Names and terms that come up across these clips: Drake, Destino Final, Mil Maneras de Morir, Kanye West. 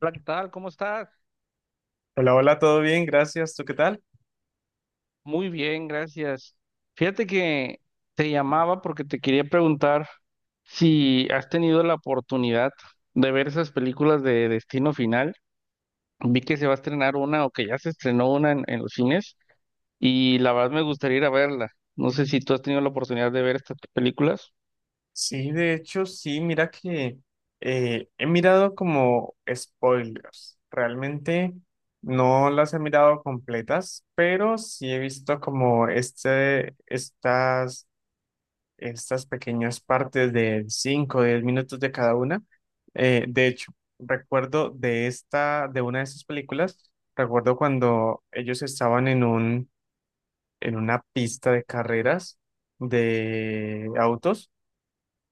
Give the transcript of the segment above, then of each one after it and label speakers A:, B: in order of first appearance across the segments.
A: Hola, ¿qué tal? ¿Cómo estás?
B: Hola, hola, todo bien, gracias. ¿Tú qué tal?
A: Muy bien, gracias. Fíjate que te llamaba porque te quería preguntar si has tenido la oportunidad de ver esas películas de Destino Final. Vi que se va a estrenar una o que ya se estrenó una en los cines y la verdad me gustaría ir a verla. No sé si tú has tenido la oportunidad de ver estas películas.
B: Sí, de hecho, sí, mira que he mirado como spoilers. Realmente no las he mirado completas, pero sí he visto como estas pequeñas partes de 5 o 10 minutos de cada una. De hecho, recuerdo de esta, de una de esas películas, recuerdo cuando ellos estaban en en una pista de carreras de autos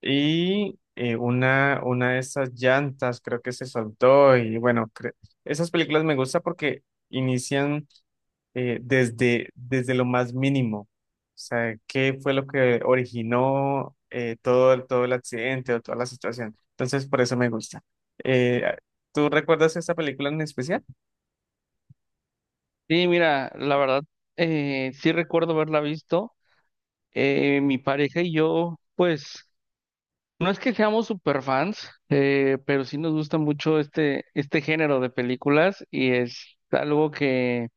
B: y una de esas llantas creo que se soltó y bueno, esas películas me gustan porque inician desde lo más mínimo. O sea, ¿qué fue lo que originó todo, todo el accidente o toda la situación? Entonces, por eso me gusta. Eh, ¿Tú recuerdas esta película en especial?
A: Sí, mira, la verdad, sí recuerdo haberla visto. Mi pareja y yo, pues no es que seamos super fans, pero sí nos gusta mucho este género de películas y es algo que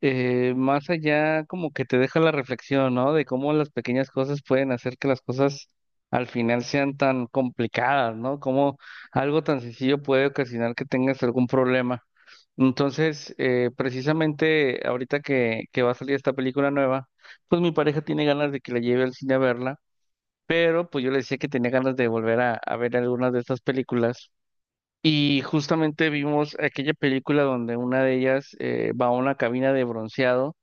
A: más allá como que te deja la reflexión, ¿no? De cómo las pequeñas cosas pueden hacer que las cosas al final sean tan complicadas, ¿no? Cómo algo tan sencillo puede ocasionar que tengas algún problema. Entonces, precisamente ahorita que va a salir esta película nueva, pues mi pareja tiene ganas de que la lleve al cine a verla, pero pues yo le decía que tenía ganas de volver a ver algunas de estas películas. Y justamente vimos aquella película donde una de ellas va a una cabina de bronceado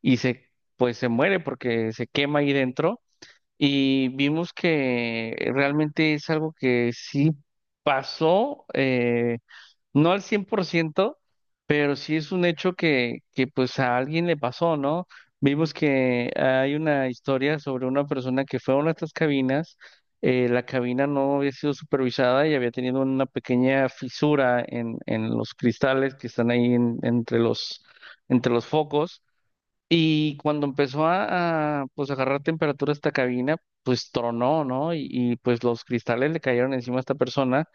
A: y pues se muere porque se quema ahí dentro. Y vimos que realmente es algo que sí pasó. No al 100%, pero sí es un hecho que pues a alguien le pasó, ¿no? Vimos que hay una historia sobre una persona que fue a una de estas cabinas. La cabina no había sido supervisada y había tenido una pequeña fisura en los cristales que están ahí entre entre los focos. Y cuando empezó a pues agarrar temperatura esta cabina, pues tronó, ¿no? Y pues los cristales le cayeron encima a esta persona.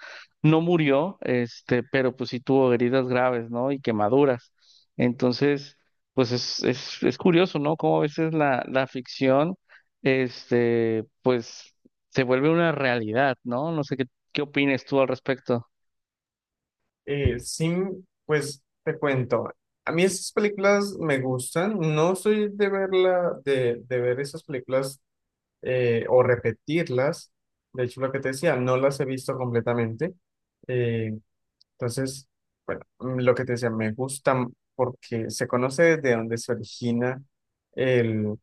A: No murió, este, pero pues sí tuvo heridas graves, ¿no? Y quemaduras. Entonces, pues es curioso, ¿no? Cómo a veces la ficción, este, pues se vuelve una realidad, ¿no? No sé qué opines tú al respecto.
B: Sí, pues te cuento. A mí esas películas me gustan. No soy de verla, de ver esas películas o repetirlas. De hecho, lo que te decía, no las he visto completamente. Eh, Entonces, bueno, lo que te decía, me gusta porque se conoce desde dónde se origina el,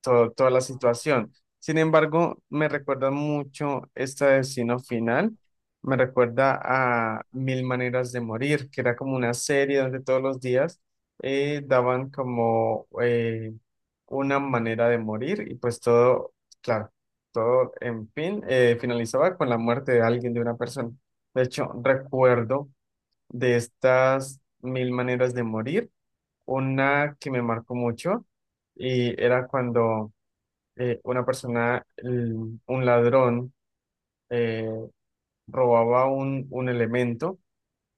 B: toda la situación. Sin embargo, me recuerda mucho este destino final. Me recuerda a Mil Maneras de Morir, que era como una serie donde todos los días daban como una manera de morir y pues todo, claro, todo en fin, finalizaba con la muerte de alguien, de una persona. De hecho, recuerdo de estas mil maneras de morir, una que me marcó mucho y era cuando una persona, un ladrón, eh, robaba un elemento,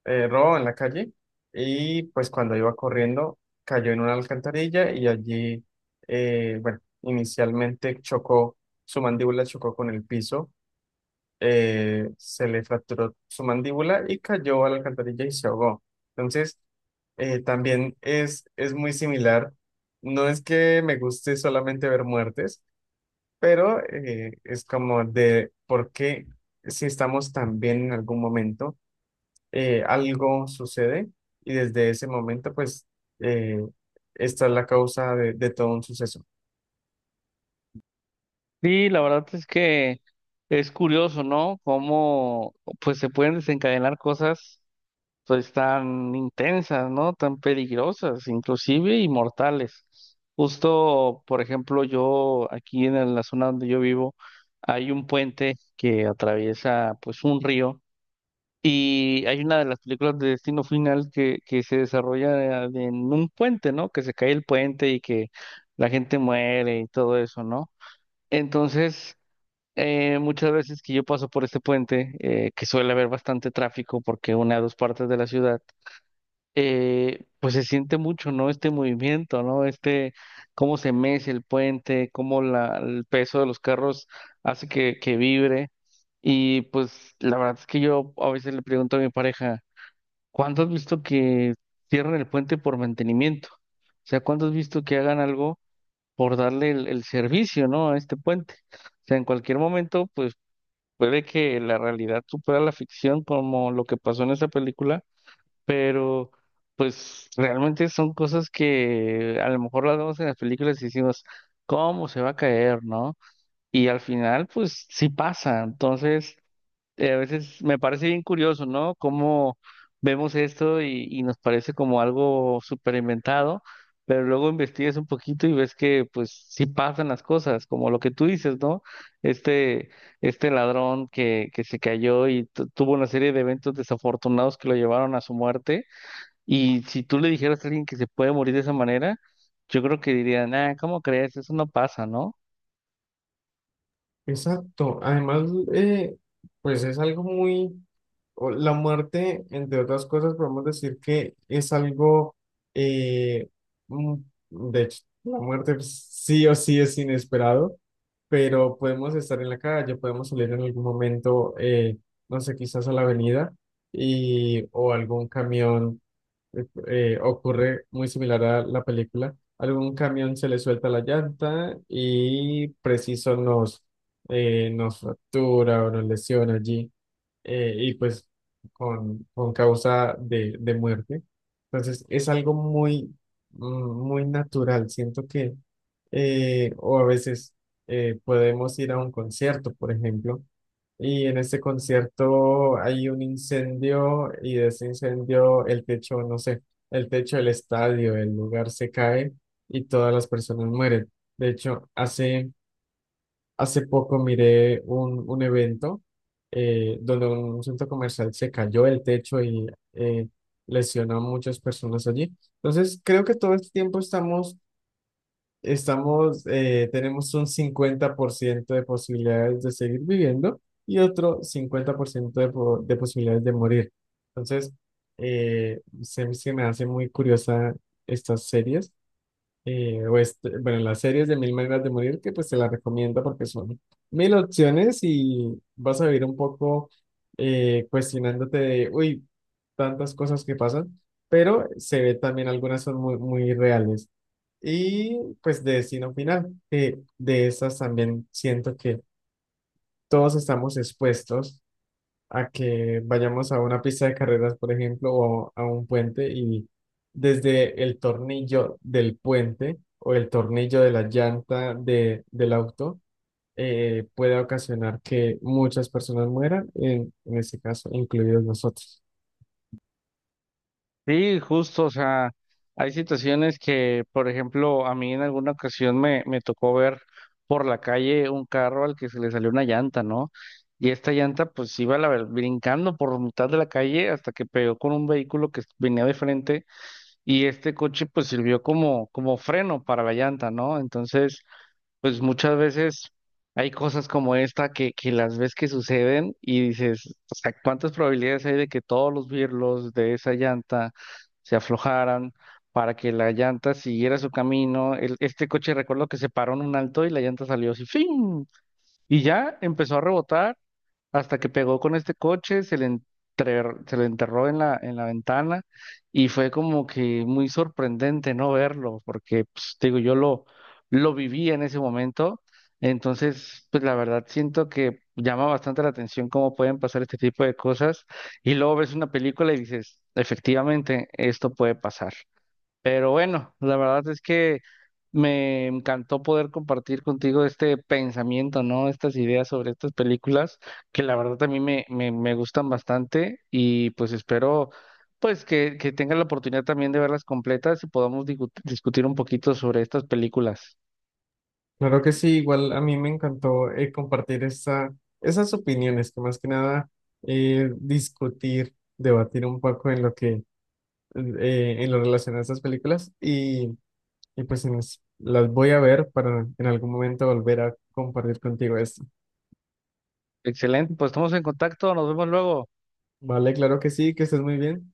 B: robaba en la calle y pues cuando iba corriendo cayó en una alcantarilla y allí, bueno, inicialmente chocó, su mandíbula chocó con el piso se le fracturó su mandíbula y cayó a la alcantarilla y se ahogó. Entonces, también es muy similar. No es que me guste solamente ver muertes, pero es como de por qué si estamos tan bien en algún momento, algo sucede y desde ese momento, pues, eh, esta es la causa de todo un suceso.
A: Sí, la verdad es que es curioso, ¿no? Cómo pues se pueden desencadenar cosas pues tan intensas, ¿no? Tan peligrosas, inclusive y mortales. Justo, por ejemplo, yo aquí en la zona donde yo vivo, hay un puente que atraviesa pues un río y hay una de las películas de Destino Final que se desarrolla en un puente, ¿no? Que se cae el puente y que la gente muere y todo eso, ¿no? Entonces muchas veces que yo paso por este puente, que suele haber bastante tráfico porque une a dos partes de la ciudad, pues se siente mucho, ¿no? Este movimiento, ¿no? Este, cómo se mece el puente, cómo el peso de los carros hace que vibre. Y pues la verdad es que yo a veces le pregunto a mi pareja, ¿cuándo has visto que cierran el puente por mantenimiento? O sea, ¿cuándo has visto que hagan algo por darle el servicio, ¿no?, a este puente? O sea, en cualquier momento, pues puede que la realidad supera la ficción, como lo que pasó en esa película. Pero pues realmente son cosas que a lo mejor las vemos en las películas y decimos, ¿cómo se va a caer, no? Y al final, pues sí pasa. Entonces, a veces me parece bien curioso, ¿no? Cómo vemos esto y nos parece como algo súper inventado, pero luego investigas un poquito y ves que pues sí pasan las cosas, como lo que tú dices, ¿no? Este, este ladrón que se cayó y tuvo una serie de eventos desafortunados que lo llevaron a su muerte. Y si tú le dijeras a alguien que se puede morir de esa manera, yo creo que diría, nah, ¿cómo crees? Eso no pasa, ¿no?
B: Exacto. Además, pues es algo muy... La muerte, entre otras cosas, podemos decir que es algo, eh, mm, de hecho, la muerte pues, sí o sí es inesperado, pero podemos estar en la calle, podemos salir en algún momento, no sé, quizás a la avenida y, o algún camión ocurre muy similar a la película. Algún camión se le suelta la llanta y preciso nos, nos fractura o nos lesiona allí y pues con causa de muerte. Entonces es algo muy, mm, muy natural. Siento que, o a veces podemos ir a un concierto, por ejemplo, y en ese concierto hay un incendio y de ese incendio el techo, no sé, el techo del estadio, el lugar se cae y todas las personas mueren. De hecho, hace Hace poco miré un evento donde un centro comercial se cayó el techo y lesionó a muchas personas allí. Entonces, creo que todo este tiempo estamos tenemos un 50% de posibilidades de seguir viviendo y otro 50% de, de posibilidades de morir. Entonces, se me hace muy curiosa estas series bueno, las series de Mil Maneras de Morir, que pues te las recomiendo porque son mil opciones y vas a vivir un poco cuestionándote de, uy, tantas cosas que pasan, pero se ve también algunas son muy, muy reales. Y pues de Destino Final, que de esas también siento que todos estamos expuestos a que vayamos a una pista de carreras, por ejemplo, o a un puente y desde el tornillo del puente o el tornillo de la llanta de, del auto puede ocasionar que muchas personas mueran, en este caso, incluidos nosotros.
A: Sí, justo, o sea, hay situaciones que, por ejemplo, a mí en alguna ocasión me tocó ver por la calle un carro al que se le salió una llanta, ¿no? Y esta llanta pues iba a la brincando por mitad de la calle hasta que pegó con un vehículo que venía de frente y este coche pues sirvió como, como freno para la llanta, ¿no? Entonces pues muchas veces hay cosas como esta que las ves que suceden y dices, o sea, ¿cuántas probabilidades hay de que todos los birlos de esa llanta se aflojaran para que la llanta siguiera su camino? Este coche recuerdo que se paró en un alto y la llanta salió así, ¡fin! Y ya empezó a rebotar hasta que pegó con este coche, se le, se le enterró en en la ventana y fue como que muy sorprendente no verlo, porque, pues, te digo, lo viví en ese momento. Entonces, pues la verdad siento que llama bastante la atención cómo pueden pasar este tipo de cosas y luego ves una película y dices, efectivamente, esto puede pasar. Pero bueno, la verdad es que me encantó poder compartir contigo este pensamiento, ¿no? Estas ideas sobre estas películas, que la verdad también me gustan bastante y pues espero pues que tengas la oportunidad también de verlas completas y podamos discutir un poquito sobre estas películas.
B: Claro que sí, igual a mí me encantó compartir esa, esas opiniones, que más que nada discutir, debatir un poco en lo que, en lo relacionado a estas películas y pues en las voy a ver para en algún momento volver a compartir contigo esto.
A: Excelente, pues estamos en contacto, nos vemos luego.
B: Vale, claro que sí, que estés muy bien.